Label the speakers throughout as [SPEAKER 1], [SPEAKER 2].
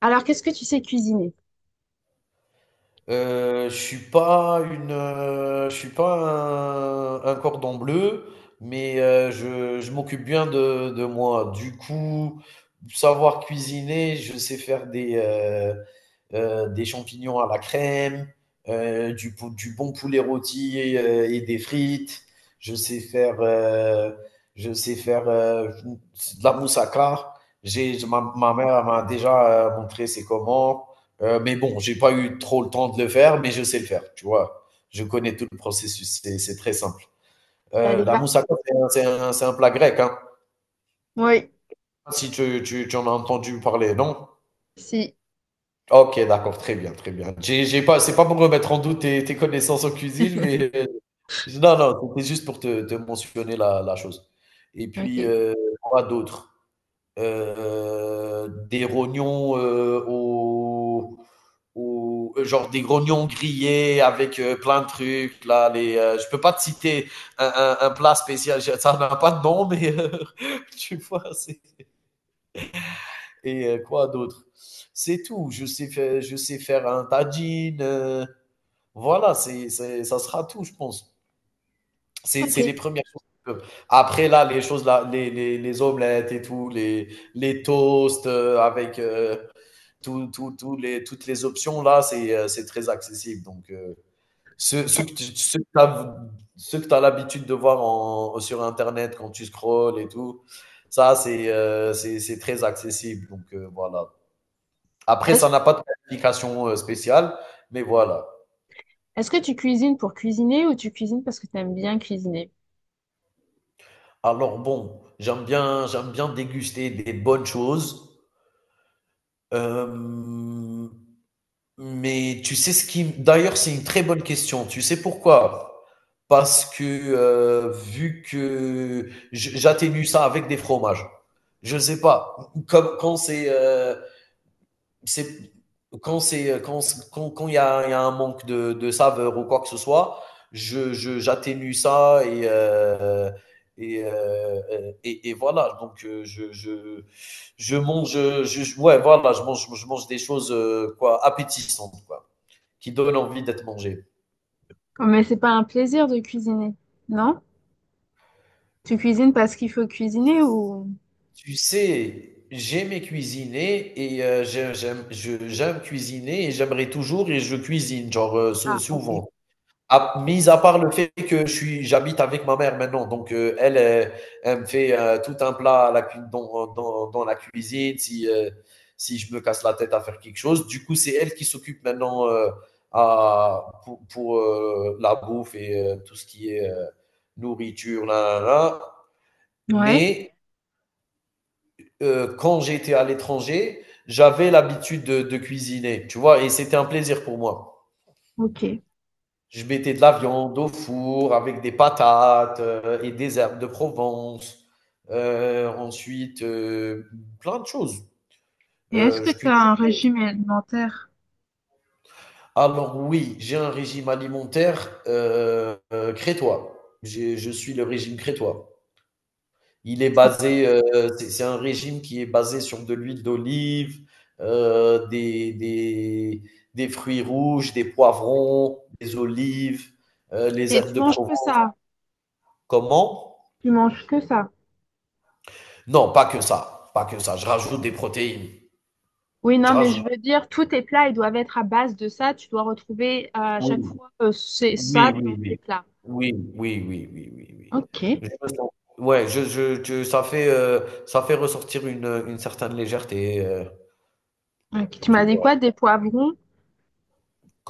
[SPEAKER 1] Alors, qu'est-ce que tu sais cuisiner?
[SPEAKER 2] Je suis pas une, je suis pas un cordon bleu, mais je m'occupe bien de moi. Du coup, savoir cuisiner, je sais faire des champignons à la crème, du bon poulet rôti et des frites. Je sais faire, heu, je sais faire, de la moussaka. J'ai ma mère elle m'a déjà, montré c'est comment. Mais bon, j'ai pas eu trop le temps de le faire, mais je sais le faire, tu vois. Je connais tout le processus, c'est très simple.
[SPEAKER 1] T'as as des
[SPEAKER 2] La
[SPEAKER 1] bases?
[SPEAKER 2] moussaka, c'est un plat grec, hein.
[SPEAKER 1] Oui,
[SPEAKER 2] Si tu en as entendu parler, non?
[SPEAKER 1] si.
[SPEAKER 2] Ok, d'accord, très bien, très bien. J'ai pas, c'est pas pour remettre en doute tes connaissances en cuisine, mais non, non, c'était juste pour te mentionner la chose. Et puis,
[SPEAKER 1] Ok.
[SPEAKER 2] quoi d'autre? Des rognons genre des rognons grillés avec plein de trucs là les je peux pas te citer un plat spécial, ça n'a pas de nom, mais tu vois c'est et quoi d'autre. C'est tout je sais faire un tagine voilà ça sera tout je pense, c'est
[SPEAKER 1] Ok.
[SPEAKER 2] c'est les premières choses qui peuvent. Après là les choses là les omelettes et tout les toasts avec tout les, toutes les options là, c'est très accessible. Donc, ceux que tu as l'habitude de voir sur Internet quand tu scrolls et tout, ça, c'est c'est très accessible. Donc, voilà. Après,
[SPEAKER 1] Est-ce,
[SPEAKER 2] ça n'a pas de qualification spéciale, mais voilà.
[SPEAKER 1] est-ce que tu cuisines pour cuisiner ou tu cuisines parce que tu aimes bien cuisiner?
[SPEAKER 2] Alors, bon, j'aime bien déguster des bonnes choses. Euh, Mais tu sais ce qui d'ailleurs, c'est une très bonne question. Tu sais pourquoi? Parce que vu que je j'atténue ça avec des fromages. Je ne sais pas, comme quand c'est, c'est quand c'est, quand s quand quand il y a un manque de saveur ou quoi que ce soit, je j'atténue ça et et voilà donc je mange, je ouais voilà, je mange des choses, quoi, appétissantes, quoi, qui donne envie d'être mangé.
[SPEAKER 1] Oh, mais c'est pas un plaisir de cuisiner. Non? Tu cuisines parce qu'il faut cuisiner ou...
[SPEAKER 2] Tu sais, j'aimais cuisiner et j'aime cuisiner et j'aimerais toujours et je cuisine, genre
[SPEAKER 1] Ah, ok.
[SPEAKER 2] souvent. Mis à part le fait que j'habite avec ma mère maintenant, donc elle, elle me fait tout un plat à la dans la cuisine si, si je me casse la tête à faire quelque chose. Du coup, c'est elle qui s'occupe maintenant pour, la bouffe et tout ce qui est nourriture, là, là, là.
[SPEAKER 1] Ouais,
[SPEAKER 2] Mais quand j'étais à l'étranger, j'avais l'habitude de cuisiner, tu vois, et c'était un plaisir pour moi.
[SPEAKER 1] ok. Et
[SPEAKER 2] Je mettais de la viande au four avec des patates et des herbes de Provence. Ensuite, plein de choses.
[SPEAKER 1] est-ce que
[SPEAKER 2] Je
[SPEAKER 1] tu as
[SPEAKER 2] cuisinais.
[SPEAKER 1] un régime alimentaire?
[SPEAKER 2] Alors oui, j'ai un régime alimentaire crétois. Je suis le régime crétois. Il est
[SPEAKER 1] Ça-
[SPEAKER 2] basé, c'est un régime qui est basé sur de l'huile d'olive, euh, des, des, des fruits rouges, des poivrons, des olives, les
[SPEAKER 1] Et
[SPEAKER 2] herbes
[SPEAKER 1] tu
[SPEAKER 2] de
[SPEAKER 1] manges
[SPEAKER 2] Provence.
[SPEAKER 1] que ça?
[SPEAKER 2] Comment?
[SPEAKER 1] Tu manges que ça?
[SPEAKER 2] Non, pas que ça, pas que ça. Je rajoute des protéines.
[SPEAKER 1] Oui,
[SPEAKER 2] Je
[SPEAKER 1] non, mais je
[SPEAKER 2] rajoute.
[SPEAKER 1] veux dire, tous tes plats, ils doivent être à base de ça. Tu dois retrouver à
[SPEAKER 2] Oui,
[SPEAKER 1] chaque fois c'est ça
[SPEAKER 2] oui, oui,
[SPEAKER 1] dans tes
[SPEAKER 2] oui.
[SPEAKER 1] plats.
[SPEAKER 2] Oui, oui, oui, oui, oui, oui.
[SPEAKER 1] Ok.
[SPEAKER 2] Je me sens- Ouais, ça fait ressortir une certaine légèreté,
[SPEAKER 1] Ok. Tu
[SPEAKER 2] tu
[SPEAKER 1] m'as dit quoi?
[SPEAKER 2] vois.
[SPEAKER 1] Des poivrons?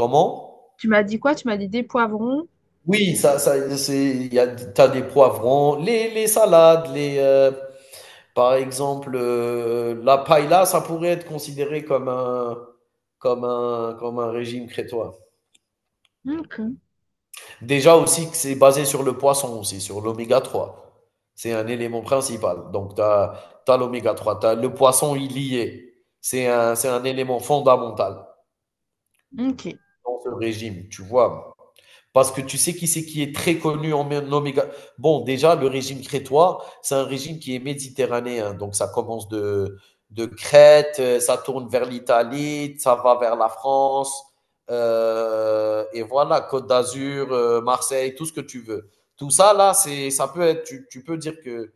[SPEAKER 2] Comment?
[SPEAKER 1] Tu m'as dit quoi? Tu m'as dit des poivrons?
[SPEAKER 2] Oui, ça ça c'est il y a t'as des poivrons, les salades, les, par exemple, la paella, ça pourrait être considéré comme un régime crétois.
[SPEAKER 1] Ok.
[SPEAKER 2] Déjà aussi que c'est basé sur le poisson aussi, sur l'oméga trois. C'est un élément principal. Donc tu as l'oméga 3, t'as le poisson il y est. C'est un élément fondamental
[SPEAKER 1] Ok.
[SPEAKER 2] dans ce régime, tu vois? Parce que tu sais qui c'est qui est très connu en Oméga. Bon, déjà, le régime crétois, c'est un régime qui est méditerranéen. Donc, ça commence de Crète, ça tourne vers l'Italie, ça va vers la France. Et voilà, Côte d'Azur, Marseille, tout ce que tu veux. Tout ça, là, c'est, ça peut être, tu peux dire que.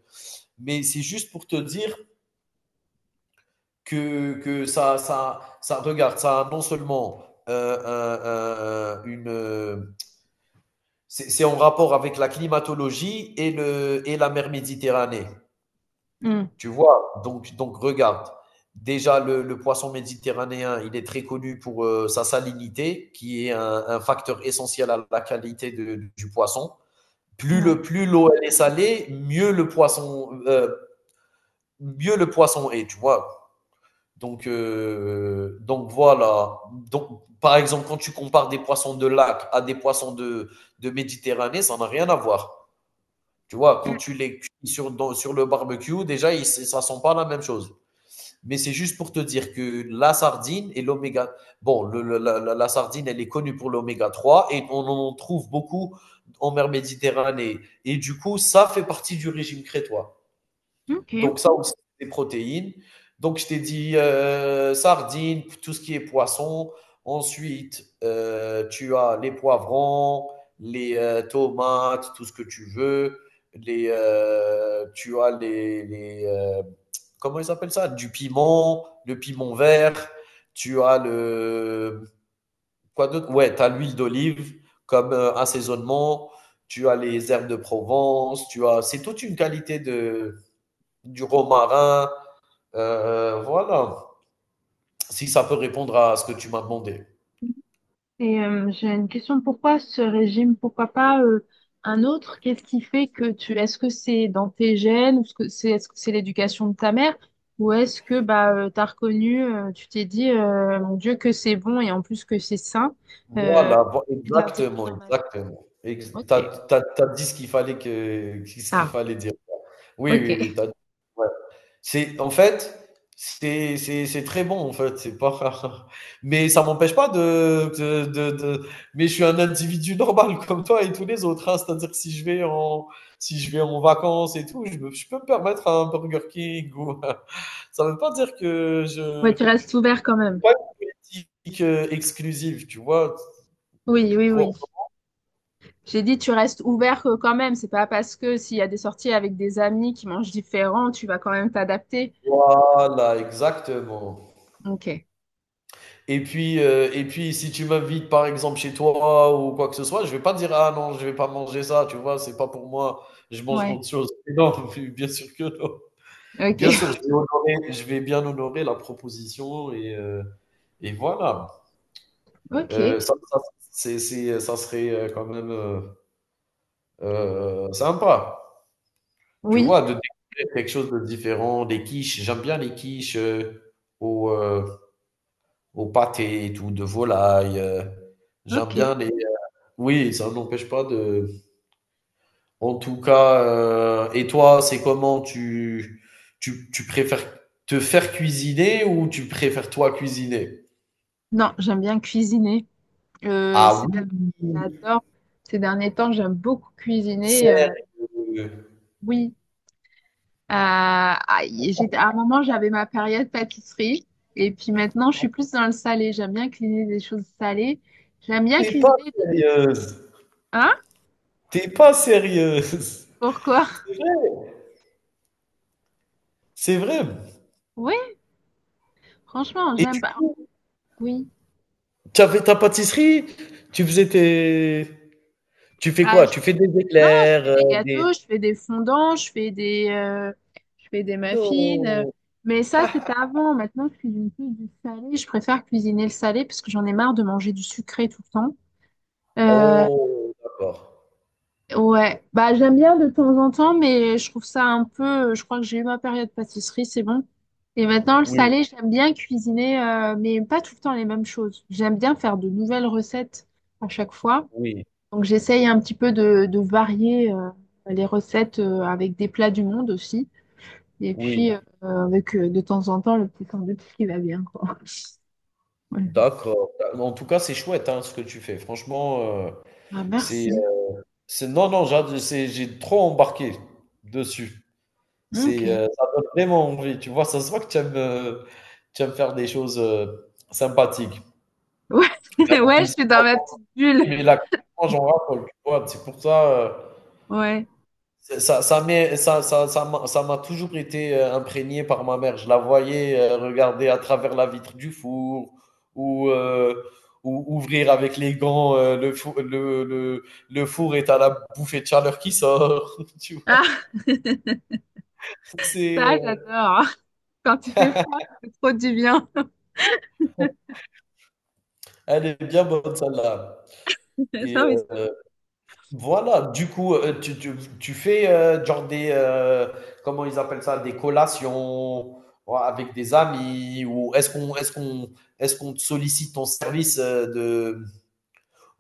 [SPEAKER 2] Mais c'est juste pour te dire que ça, regarde, ça a non seulement euh, un- un- une, euh, c'est en rapport avec la climatologie et, et la mer Méditerranée.
[SPEAKER 1] Hmm.
[SPEAKER 2] Tu vois, donc regarde. Déjà, le poisson méditerranéen, il est très connu pour sa salinité, qui est un facteur essentiel à la qualité du poisson.
[SPEAKER 1] Ouais.
[SPEAKER 2] Plus l'eau elle est salée, mieux le poisson, est, tu vois. Donc voilà. Donc, par exemple, quand tu compares des poissons de lac à des poissons de Méditerranée, ça n'a rien à voir. Tu vois, quand
[SPEAKER 1] Mm.
[SPEAKER 2] tu les cuis sur le barbecue, déjà, ça sent pas la même chose. Mais c'est juste pour te dire que la sardine et l'oméga. Bon, la sardine, elle est connue pour l'oméga 3, et on en trouve beaucoup en mer Méditerranée. Et du coup, ça fait partie du régime crétois.
[SPEAKER 1] Ok.
[SPEAKER 2] Donc, ça aussi, c'est des protéines. Donc, je t'ai dit sardines, tout ce qui est poisson. Ensuite, tu as les poivrons, les tomates, tout ce que tu veux. Les, comment ils appellent ça? Du piment, le piment vert. Tu as le, quoi d'autre? Ouais, tu as l'huile d'olive comme assaisonnement. Tu as les herbes de Provence. Tu as, c'est toute une qualité de, du romarin. Voilà, si ça peut répondre à ce que tu m'as demandé.
[SPEAKER 1] Et j'ai une question. Pourquoi ce régime? Pourquoi pas un autre? Qu'est-ce qui fait que tu... Est-ce que c'est dans tes gènes? Ou est-ce que c'est l'éducation de ta mère? Ou est-ce que bah, t'as reconnu, tu t'es dit, mon Dieu, que c'est bon et en plus que c'est sain, euh,
[SPEAKER 2] Voilà,
[SPEAKER 1] de l'intégrer
[SPEAKER 2] exactement,
[SPEAKER 1] dans ma vie.
[SPEAKER 2] exactement. T'as,
[SPEAKER 1] Ok.
[SPEAKER 2] t'as dit ce qu'il fallait que, ce qu'il
[SPEAKER 1] Ah,
[SPEAKER 2] fallait dire. Oui, oui, oui.
[SPEAKER 1] ok.
[SPEAKER 2] Ouais. C'est en fait, c'est très bon en fait, c'est pas. Mais ça m'empêche pas Mais je suis un individu normal comme toi et tous les autres. Hein. C'est-à-dire si je vais en vacances et tout, je peux me permettre un Burger King ou. Ça veut pas dire que
[SPEAKER 1] Ouais,
[SPEAKER 2] je.
[SPEAKER 1] tu restes ouvert quand
[SPEAKER 2] C'est
[SPEAKER 1] même.
[SPEAKER 2] pas une politique exclusive, tu vois.
[SPEAKER 1] Oui, oui, oui.
[SPEAKER 2] Quoi-
[SPEAKER 1] J'ai dit, tu restes ouvert quand même. C'est pas parce que s'il y a des sorties avec des amis qui mangent différent, tu vas quand même t'adapter.
[SPEAKER 2] Voilà, exactement.
[SPEAKER 1] Ok.
[SPEAKER 2] Et puis, si tu m'invites par exemple chez toi ou quoi que ce soit, je vais pas dire ah non, je vais pas manger ça, tu vois, c'est pas pour moi, je mange
[SPEAKER 1] Ouais.
[SPEAKER 2] autre chose. Mais non, bien sûr que non.
[SPEAKER 1] Ok.
[SPEAKER 2] Bien sûr, je vais bien honorer la proposition et voilà.
[SPEAKER 1] Ok.
[SPEAKER 2] Euh, ça, ça, ça serait quand même sympa, tu
[SPEAKER 1] Oui.
[SPEAKER 2] vois, de découvrir quelque chose de différent. Des quiches, j'aime bien les quiches au, euh, au pâté et tout, de volaille. J'aime
[SPEAKER 1] Ok.
[SPEAKER 2] bien les, oui, ça n'empêche pas de en tout cas, et toi, c'est comment? Tu préfères te faire cuisiner ou tu préfères toi cuisiner?
[SPEAKER 1] Non, j'aime bien cuisiner. Euh,
[SPEAKER 2] Ah
[SPEAKER 1] c'est bien-
[SPEAKER 2] oui!
[SPEAKER 1] J'adore. Ces derniers temps, j'aime beaucoup cuisiner.
[SPEAKER 2] Sérieux?
[SPEAKER 1] Oui. J'étais, à un moment, j'avais ma période pâtisserie. Et puis maintenant, je suis plus dans le salé. J'aime bien cuisiner des choses salées. J'aime bien
[SPEAKER 2] T'es pas
[SPEAKER 1] cuisiner.
[SPEAKER 2] sérieuse!
[SPEAKER 1] Hein?
[SPEAKER 2] T'es pas sérieuse!
[SPEAKER 1] Pourquoi?
[SPEAKER 2] C'est vrai! C'est vrai.
[SPEAKER 1] Oui, franchement,
[SPEAKER 2] Et
[SPEAKER 1] j'aime
[SPEAKER 2] du
[SPEAKER 1] pas.
[SPEAKER 2] coup,
[SPEAKER 1] Oui.
[SPEAKER 2] tu avais ta pâtisserie? Tu faisais tes Tu fais
[SPEAKER 1] Bah,
[SPEAKER 2] quoi?
[SPEAKER 1] je-
[SPEAKER 2] Tu fais des
[SPEAKER 1] Non, je
[SPEAKER 2] éclairs,
[SPEAKER 1] fais des
[SPEAKER 2] des
[SPEAKER 1] gâteaux, je fais des fondants, je fais je fais des muffins.
[SPEAKER 2] non!
[SPEAKER 1] Mais ça, c'était avant. Maintenant, je cuisine plus du salé. Je préfère cuisiner le salé parce que j'en ai marre de manger du sucré tout le temps. Euh,
[SPEAKER 2] Oh! D'accord.
[SPEAKER 1] ouais, bah j'aime bien de temps en temps, mais je trouve ça un peu. Je crois que j'ai eu ma période pâtisserie, c'est bon. Et maintenant, le
[SPEAKER 2] Oui,
[SPEAKER 1] salé, j'aime bien cuisiner, mais pas tout le temps les mêmes choses. J'aime bien faire de nouvelles recettes à chaque fois.
[SPEAKER 2] oui,
[SPEAKER 1] Donc j'essaye un petit peu de varier les recettes avec des plats du monde aussi. Et puis
[SPEAKER 2] oui.
[SPEAKER 1] avec de temps en temps le petit sandwich qui va bien, quoi. Ouais.
[SPEAKER 2] D'accord. En tout cas, c'est chouette hein, ce que tu fais. Franchement,
[SPEAKER 1] Ah,
[SPEAKER 2] c'est,
[SPEAKER 1] merci.
[SPEAKER 2] euh, c'est, non, non, j'ai trop embarqué dessus.
[SPEAKER 1] Ok.
[SPEAKER 2] C'est,
[SPEAKER 1] Ouais,
[SPEAKER 2] ça donne vraiment envie. Tu vois, ça se voit que tu aimes faire des choses sympathiques.
[SPEAKER 1] ouais,
[SPEAKER 2] Ben, la
[SPEAKER 1] je
[SPEAKER 2] cuisine,
[SPEAKER 1] suis dans
[SPEAKER 2] on
[SPEAKER 1] ma
[SPEAKER 2] en
[SPEAKER 1] petite
[SPEAKER 2] dit,
[SPEAKER 1] bulle.
[SPEAKER 2] mais la cuisine, moi, j'en raffole. Tu vois, c'est pour ça.
[SPEAKER 1] Ouais.
[SPEAKER 2] C'est- Ça, m'est- ça, ça m'a toujours été imprégné par ma mère. Je la voyais regarder à travers la vitre du four ou, euh, ou ouvrir avec les gants le four et t'as la bouffée de chaleur qui sort. Tu vois,
[SPEAKER 1] Ah,
[SPEAKER 2] c'est,
[SPEAKER 1] ça, j'adore. Quand il fait froid, c'est trop du bien.
[SPEAKER 2] elle est bien bonne celle-là. Et
[SPEAKER 1] Non, mais c'est
[SPEAKER 2] euh,
[SPEAKER 1] vrai.
[SPEAKER 2] voilà, du coup, tu fais, genre comment ils appellent ça? Des collations, ou avec des amis ou est-ce qu'on te sollicite ton service, de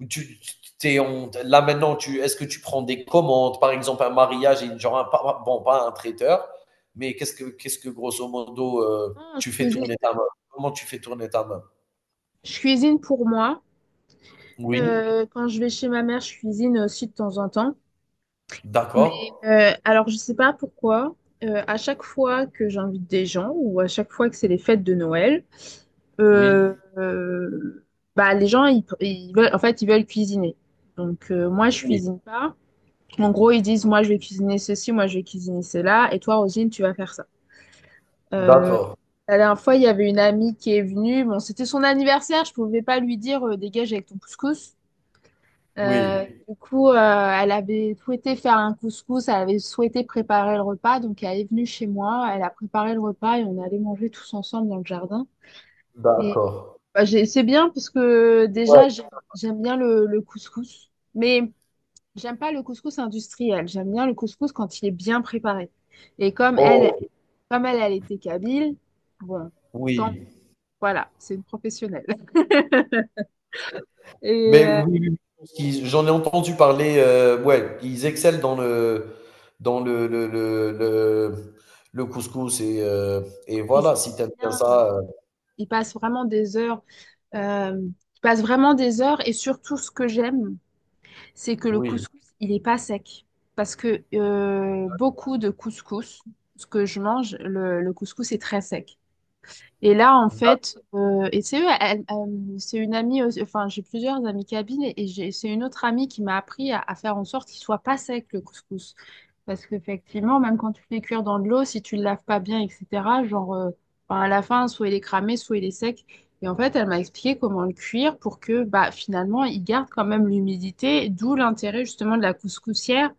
[SPEAKER 2] ou tu tu tu es là maintenant tu est-ce que tu prends des commandes? Par exemple, un mariage et genre un pas bon, pas un traiteur, mais qu'est-ce que grosso modo,
[SPEAKER 1] Non,
[SPEAKER 2] tu fais tourner ta main? Comment tu fais tourner ta main?
[SPEAKER 1] je cuisine pour moi.
[SPEAKER 2] Oui,
[SPEAKER 1] Quand je vais chez ma mère, je cuisine aussi de temps en temps.
[SPEAKER 2] d'accord.
[SPEAKER 1] Mais alors, je sais pas pourquoi, à chaque fois que j'invite des gens ou à chaque fois que c'est les fêtes de Noël, euh,
[SPEAKER 2] Oui,
[SPEAKER 1] euh, bah, les gens, ils veulent, en fait, ils veulent cuisiner. Donc, moi, je
[SPEAKER 2] oui,
[SPEAKER 1] cuisine pas. En gros, ils disent, moi, je vais cuisiner ceci, moi, je vais cuisiner cela, et toi, Rosine, tu vas faire ça. Euh,
[SPEAKER 2] d'accord.
[SPEAKER 1] la dernière fois, il y avait une amie qui est venue. Bon, c'était son anniversaire, je pouvais pas lui dire, dégage avec ton couscous.
[SPEAKER 2] Oui,
[SPEAKER 1] Du coup, elle avait souhaité faire un couscous, elle avait souhaité préparer le repas, donc elle est venue chez moi, elle a préparé le repas et on allait manger tous ensemble dans le jardin. Et
[SPEAKER 2] d'accord.
[SPEAKER 1] bah, c'est bien parce que
[SPEAKER 2] Ouais.
[SPEAKER 1] déjà, j'aime bien le couscous, mais j'aime pas le couscous industriel, j'aime bien le couscous quand il est bien préparé. Et
[SPEAKER 2] Oh,
[SPEAKER 1] comme elle, elle était kabyle, bon, tant
[SPEAKER 2] oui.
[SPEAKER 1] voilà, c'est une professionnelle. Et
[SPEAKER 2] Mais oui, oui, oui, j'en ai entendu parler, ouais, ils excellent dans le couscous et voilà,
[SPEAKER 1] cuisine
[SPEAKER 2] si
[SPEAKER 1] très
[SPEAKER 2] t'aimes bien
[SPEAKER 1] bien,
[SPEAKER 2] ça,
[SPEAKER 1] il passe vraiment des heures. Euh, je passe vraiment des heures et surtout ce que j'aime, c'est que le
[SPEAKER 2] oui.
[SPEAKER 1] couscous, il n'est pas sec. Parce que beaucoup de couscous, ce que je mange, le couscous est très sec. Et là, en fait, c'est une amie, enfin, j'ai plusieurs amies cabines et c'est une autre amie qui m'a appris à faire en sorte qu'il soit pas sec le couscous. Parce qu'effectivement, même quand tu le fais cuire dans de l'eau, si tu le laves pas bien, etc., genre, enfin, à la fin, soit il est cramé, soit il est sec. Et en fait, elle m'a expliqué comment le cuire pour que, bah, finalement, il garde quand même l'humidité, d'où l'intérêt justement de la couscoussière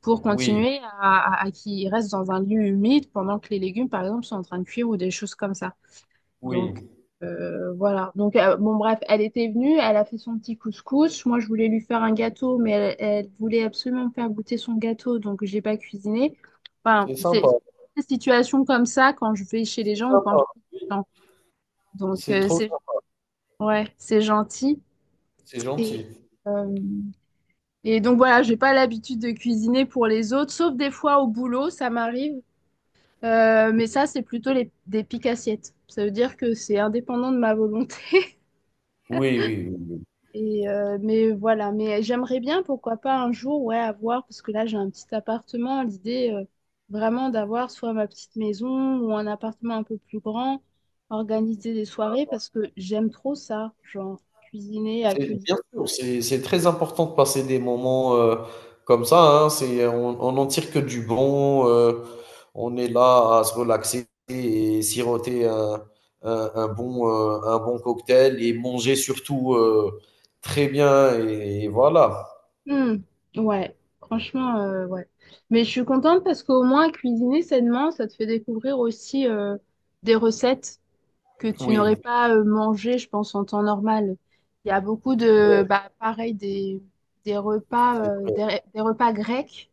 [SPEAKER 1] pour
[SPEAKER 2] Oui,
[SPEAKER 1] continuer à qu'il reste dans un lieu humide pendant que les légumes, par exemple, sont en train de cuire ou des choses comme ça.
[SPEAKER 2] oui,
[SPEAKER 1] Donc voilà. Donc bon bref, elle était venue, elle a fait son petit couscous. Moi je voulais lui faire un gâteau, mais elle, elle voulait absolument me faire goûter son gâteau, donc j'ai pas cuisiné. Enfin,
[SPEAKER 2] c'est
[SPEAKER 1] c'est
[SPEAKER 2] sympa,
[SPEAKER 1] c'est des situations comme ça quand je vais chez les
[SPEAKER 2] c'est
[SPEAKER 1] gens ou quand
[SPEAKER 2] sympa,
[SPEAKER 1] j'invite
[SPEAKER 2] oui.
[SPEAKER 1] les gens. Donc
[SPEAKER 2] C'est trop
[SPEAKER 1] c'est
[SPEAKER 2] sympa,
[SPEAKER 1] ouais, c'est gentil.
[SPEAKER 2] c'est
[SPEAKER 1] Et
[SPEAKER 2] gentil.
[SPEAKER 1] euh, et donc voilà, j'ai pas l'habitude de cuisiner pour les autres, sauf des fois au boulot, ça m'arrive. Mais ça, c'est plutôt des piques assiettes. Ça veut dire que c'est indépendant de ma volonté.
[SPEAKER 2] Oui, oui, oui.
[SPEAKER 1] Et mais voilà, mais j'aimerais bien, pourquoi pas un jour, ouais, avoir, parce que là j'ai un petit appartement, l'idée vraiment d'avoir soit ma petite maison ou un appartement un peu plus grand, organiser des soirées, parce que j'aime trop ça, genre cuisiner,
[SPEAKER 2] C'est
[SPEAKER 1] accueillir.
[SPEAKER 2] bien sûr, c'est très important de passer des moments, comme ça, hein. C'est on n'en tire que du bon, on est là à se relaxer et siroter un bon cocktail et manger surtout, très bien et voilà.
[SPEAKER 1] Hmm, ouais, franchement, ouais. Mais je suis contente parce qu'au moins cuisiner sainement, ça te fait découvrir aussi des recettes que tu n'aurais
[SPEAKER 2] Oui,
[SPEAKER 1] pas mangé, je pense, en temps normal. Il y a beaucoup de, bah, pareil,
[SPEAKER 2] c'est vrai.
[SPEAKER 1] des repas grecs,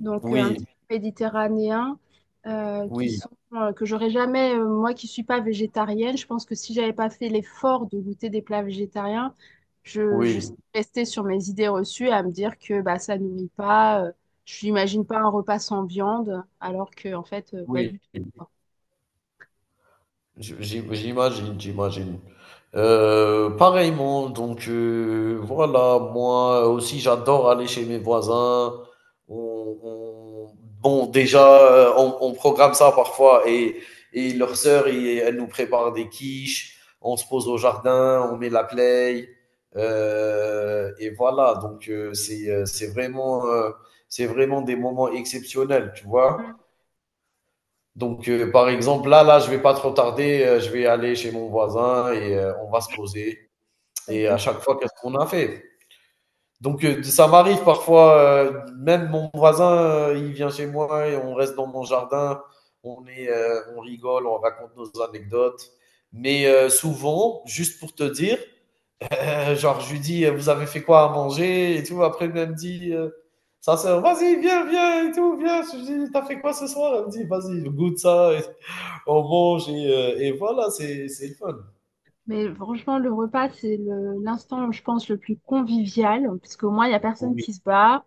[SPEAKER 1] donc un petit
[SPEAKER 2] Oui,
[SPEAKER 1] peu méditerranéens, qui
[SPEAKER 2] oui,
[SPEAKER 1] sont, que j'aurais jamais, moi qui suis pas végétarienne, je pense que si j'avais pas fait l'effort de goûter des plats végétariens, je
[SPEAKER 2] oui,
[SPEAKER 1] serais restée sur mes idées reçues à me dire que bah, ça nourrit pas, je n'imagine pas un repas sans viande, alors que, en fait, pas
[SPEAKER 2] oui.
[SPEAKER 1] du tout quoi.
[SPEAKER 2] J'imagine, j'imagine. Pareillement, donc voilà, moi aussi j'adore aller chez mes voisins. On- on- Bon, déjà, on programme ça parfois et leur sœur, elle nous prépare des quiches, on se pose au jardin, on met la play. Et voilà, donc c'est vraiment des moments exceptionnels, tu vois. Donc, par exemple, là, là, je vais pas trop tarder, je vais aller chez mon voisin et on va se poser. Et à chaque fois, qu'est-ce qu'on a fait? Donc, ça m'arrive parfois, même mon voisin, il vient chez moi et on reste dans mon jardin, on rigole, on raconte nos anecdotes. Mais souvent, juste pour te dire, genre, je lui dis, vous avez fait quoi à manger et tout. Après, elle me dit, sa sœur, vas-y, viens, viens et tout, viens. Je lui dis, t'as fait quoi ce soir? Elle me dit, vas-y, goûte ça, on mange et voilà, c'est le fun.
[SPEAKER 1] Mais franchement, le repas, c'est l'instant, je pense, le plus convivial, parce qu'au moins, il n'y a personne
[SPEAKER 2] Oui,
[SPEAKER 1] qui se bat,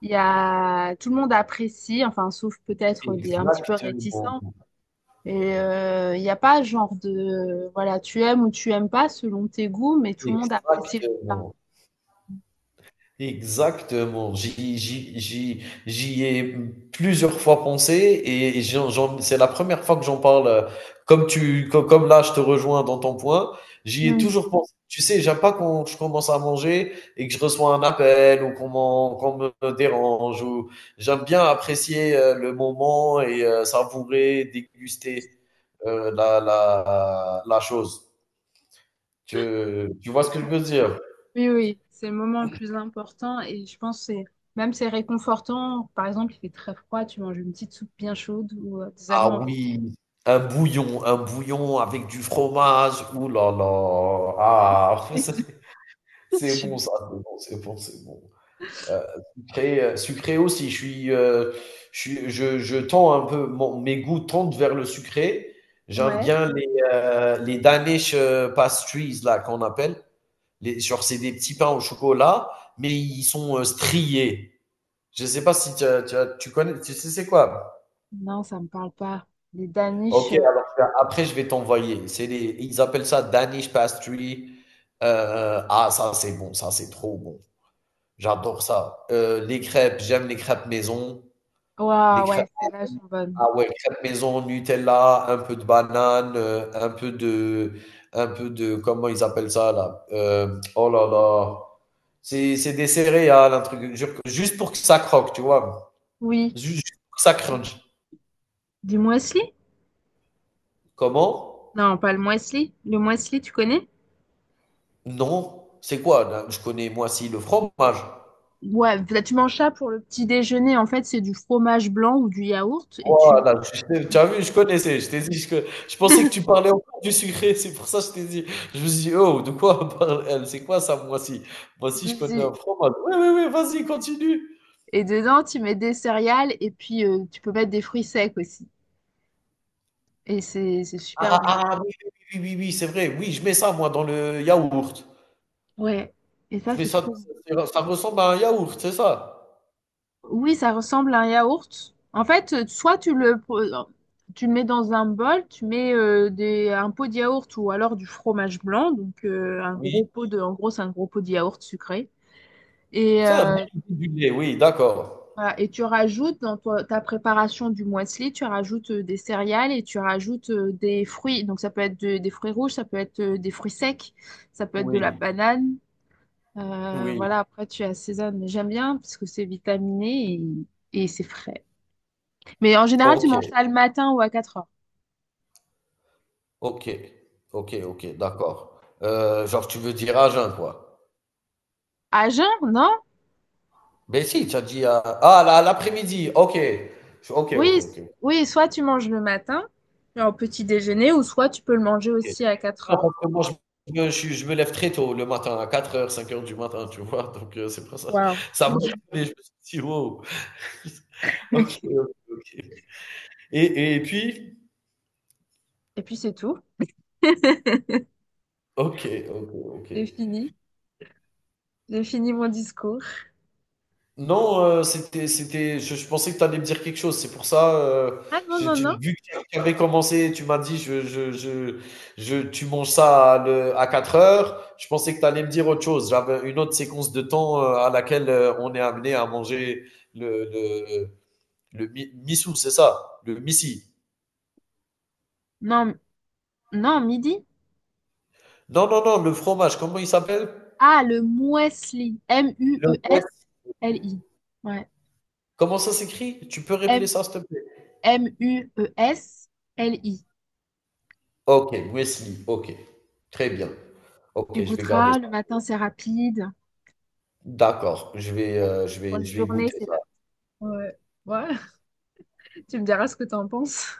[SPEAKER 1] il y a, tout le monde apprécie, enfin, sauf peut-être des un petit peu
[SPEAKER 2] exactement.
[SPEAKER 1] réticents. Et il n'y a pas genre de, voilà, tu aimes ou tu aimes pas selon tes goûts, mais tout le monde apprécie le repas.
[SPEAKER 2] Exactement. Exactement. J'y ai plusieurs fois pensé et c'est la première fois que j'en parle. Comme, là, je te rejoins dans ton point. J'y ai
[SPEAKER 1] Mm.
[SPEAKER 2] toujours pensé. Tu sais, j'aime pas quand je commence à manger et que je reçois un appel ou qu'on me dérange ou j'aime bien apprécier le moment et savourer, déguster la chose. Tu, tu vois ce que je veux dire?
[SPEAKER 1] Oui, oui, c'est le moment le plus important et je pense que c'est réconfortant. Par exemple, il fait très froid, tu manges une petite soupe bien chaude ou des
[SPEAKER 2] Ah
[SPEAKER 1] aliments bien.
[SPEAKER 2] oui, un bouillon avec du fromage. Ouh là là. Ah, c'est
[SPEAKER 1] Je
[SPEAKER 2] c'est
[SPEAKER 1] suis
[SPEAKER 2] bon
[SPEAKER 1] d'accord.
[SPEAKER 2] ça, c'est bon, c'est bon, c'est bon. Heu, sucré aussi, je suis, je suis je tends un peu, mon mes goûts tendent vers le sucré. J'aime
[SPEAKER 1] Ouais.
[SPEAKER 2] bien les Danish, pastries là qu'on appelle. Les genre c'est des petits pains au chocolat, mais ils sont, striés. Je sais pas si tu as tu as tu connais tu sais c'est quoi.
[SPEAKER 1] Non, ça me parle pas. Les daniches.
[SPEAKER 2] Ok, alors après je vais t'envoyer. Ils appellent ça Danish pastry. Ah, ça c'est bon, ça c'est trop bon. J'adore ça. Les crêpes, j'aime les crêpes maison. Les
[SPEAKER 1] Ouah,
[SPEAKER 2] crêpes
[SPEAKER 1] ouais, celles-là elles
[SPEAKER 2] maison.
[SPEAKER 1] sont bonnes.
[SPEAKER 2] Ah ouais, crêpes maison, Nutella, un peu de banane, comment ils appellent ça là? Oh là là, c'est des céréales, un truc, juste pour que ça croque, tu vois.
[SPEAKER 1] Oui.
[SPEAKER 2] Juste pour que ça crunch.
[SPEAKER 1] Du muesli?
[SPEAKER 2] Comment?
[SPEAKER 1] Non, pas le muesli. Le muesli, tu connais?
[SPEAKER 2] Non, c'est quoi? Là, je connais moi si le fromage.
[SPEAKER 1] Ouais, là, tu manges ça pour le petit déjeuner. En fait, c'est du fromage blanc ou du yaourt et tu
[SPEAKER 2] Voilà, tu sais, tu as vu, je connaissais, je t'ai dit, je pensais que tu parlais encore du sucré, c'est pour ça que je t'ai dit, je me suis dit: «Oh, de quoi parle elle? C'est quoi ça, moi si? Moi si je connais un fromage». «Oui, oui, oui, vas-y, continue».
[SPEAKER 1] et dedans, tu mets des céréales et puis tu peux mettre des fruits secs aussi. Et c'est
[SPEAKER 2] Ah
[SPEAKER 1] superbe,
[SPEAKER 2] ah,
[SPEAKER 1] j'adore.
[SPEAKER 2] ah, oui, oui, oui, oui, oui, oui, c'est vrai, oui, je mets ça moi dans le yaourt.
[SPEAKER 1] Ouais. Et ça,
[SPEAKER 2] Je mets
[SPEAKER 1] c'est
[SPEAKER 2] ça
[SPEAKER 1] trop bon.
[SPEAKER 2] Ça ressemble à un yaourt, c'est ça?
[SPEAKER 1] Oui, ça ressemble à un yaourt. En fait, soit tu le, pr- tu le mets dans un bol, tu mets un pot de yaourt ou alors du fromage blanc. Donc, un gros
[SPEAKER 2] Oui,
[SPEAKER 1] pot de, en gros, c'est un gros pot de yaourt sucré. Et,
[SPEAKER 2] c'est un
[SPEAKER 1] euh,
[SPEAKER 2] dérivé du lait, oui, d'accord.
[SPEAKER 1] voilà. Et tu rajoutes dans ta préparation du muesli, tu rajoutes des céréales et tu rajoutes des fruits. Donc, ça peut être des fruits rouges, ça peut être des fruits secs, ça peut être de la
[SPEAKER 2] Oui,
[SPEAKER 1] banane.
[SPEAKER 2] oui,
[SPEAKER 1] Voilà, après tu assaisonnes, mais j'aime bien parce que c'est vitaminé et c'est frais. Mais en général, tu manges
[SPEAKER 2] OK.
[SPEAKER 1] ça le matin ou à quatre heures.
[SPEAKER 2] Ok, ok, ok, d'accord. Genre, tu veux dire à jeun, quoi.
[SPEAKER 1] À jeun, non?
[SPEAKER 2] Ben si, tu as dit à, ah, là, l'après-midi, ok. Ok,
[SPEAKER 1] Oui,
[SPEAKER 2] ok, ok.
[SPEAKER 1] oui, soit tu manges le matin, genre au petit déjeuner, ou soit tu peux le manger
[SPEAKER 2] Ok.
[SPEAKER 1] aussi à 4
[SPEAKER 2] Non,
[SPEAKER 1] heures.
[SPEAKER 2] parce que moi, je me lève très tôt le matin, à 4 heures 5 heures du matin, tu vois. Donc, c'est pour ça.
[SPEAKER 1] Waouh.
[SPEAKER 2] Ça m'a étonné, je me suis dit, wow. Ok, ok, ok. Et puis,
[SPEAKER 1] Et puis c'est tout.
[SPEAKER 2] ok, ok, ok.
[SPEAKER 1] J'ai fini. J'ai fini mon discours.
[SPEAKER 2] Non, c'était, je pensais que tu allais me dire quelque chose. C'est pour ça,
[SPEAKER 1] Ah non, non, non.
[SPEAKER 2] vu que tu avais commencé, tu m'as dit, tu manges ça à 4 heures. Je pensais que tu allais me dire autre chose. J'avais une autre séquence de temps à laquelle on est amené à manger le, le, le missou, c'est ça, le missi.
[SPEAKER 1] Non, non, midi.
[SPEAKER 2] Non, non, non, le fromage, comment il s'appelle?
[SPEAKER 1] Ah, le muesli.
[SPEAKER 2] Le Wes-
[SPEAKER 1] MUESLI. Ouais.
[SPEAKER 2] Comment ça s'écrit? Tu peux répéter ça, s'il te plaît?
[SPEAKER 1] MMUESLI.
[SPEAKER 2] Ok, Wesley, ok. Très bien.
[SPEAKER 1] Tu
[SPEAKER 2] Ok, je vais garder.
[SPEAKER 1] goûteras, le matin c'est rapide
[SPEAKER 2] D'accord, je vais, heu, je
[SPEAKER 1] pour
[SPEAKER 2] vais
[SPEAKER 1] une
[SPEAKER 2] je vais
[SPEAKER 1] journée,
[SPEAKER 2] goûter
[SPEAKER 1] c'est
[SPEAKER 2] ça.
[SPEAKER 1] pas. Ouais, ouais, tu me diras ce que t'en penses.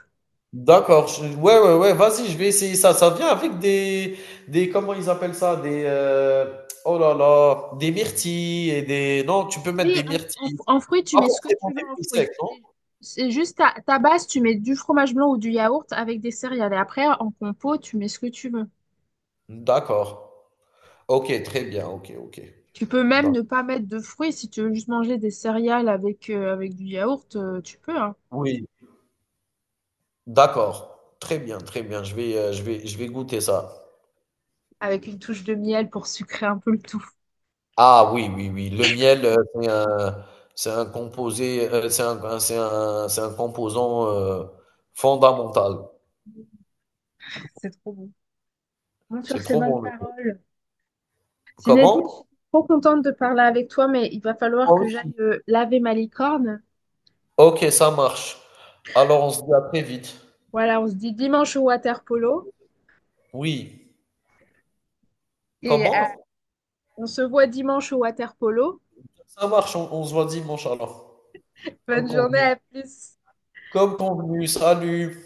[SPEAKER 2] D'accord, je ouais, ouais, ouais, vas-y, je vais essayer ça. Ça vient avec des comment ils appellent ça? Oh là là, des myrtilles et des non, tu peux mettre
[SPEAKER 1] Oui,
[SPEAKER 2] des
[SPEAKER 1] en-
[SPEAKER 2] myrtilles,
[SPEAKER 1] en fruits, tu
[SPEAKER 2] pas
[SPEAKER 1] mets ce que
[SPEAKER 2] forcément
[SPEAKER 1] tu veux
[SPEAKER 2] des
[SPEAKER 1] en
[SPEAKER 2] fruits
[SPEAKER 1] fruits.
[SPEAKER 2] secs, non?
[SPEAKER 1] C'est juste ta base, tu mets du fromage blanc ou du yaourt avec des céréales. Et après, en compo, tu mets ce que tu veux.
[SPEAKER 2] D'accord. OK, très bien, OK, OK.
[SPEAKER 1] Tu peux même
[SPEAKER 2] D'ac
[SPEAKER 1] ne pas mettre de fruits si tu veux juste manger des céréales avec, avec du yaourt, tu peux, hein.
[SPEAKER 2] Oui, d'accord. Très bien, très bien. Je vais goûter ça.
[SPEAKER 1] Avec une touche de miel pour sucrer un peu le tout.
[SPEAKER 2] Ah oui, oui, oui. Le miel, c'est un composé, c'est un composant fondamental.
[SPEAKER 1] C'est trop bon. Bon, sur
[SPEAKER 2] C'est
[SPEAKER 1] ces
[SPEAKER 2] trop
[SPEAKER 1] bonnes
[SPEAKER 2] bon, le miel.
[SPEAKER 1] paroles. Zinedine, je
[SPEAKER 2] Comment?
[SPEAKER 1] suis trop contente de parler avec toi, mais il va falloir
[SPEAKER 2] Moi
[SPEAKER 1] que j'aille
[SPEAKER 2] aussi.
[SPEAKER 1] laver ma licorne.
[SPEAKER 2] Ok, ça marche. Alors on se dit à très vite.
[SPEAKER 1] Voilà, on se dit dimanche au water polo
[SPEAKER 2] Oui.
[SPEAKER 1] et
[SPEAKER 2] Comment?
[SPEAKER 1] on se voit dimanche au water polo.
[SPEAKER 2] Ça marche, on se voit dimanche alors. Comme
[SPEAKER 1] Bonne journée,
[SPEAKER 2] convenu.
[SPEAKER 1] à plus.
[SPEAKER 2] Comme convenu, salut.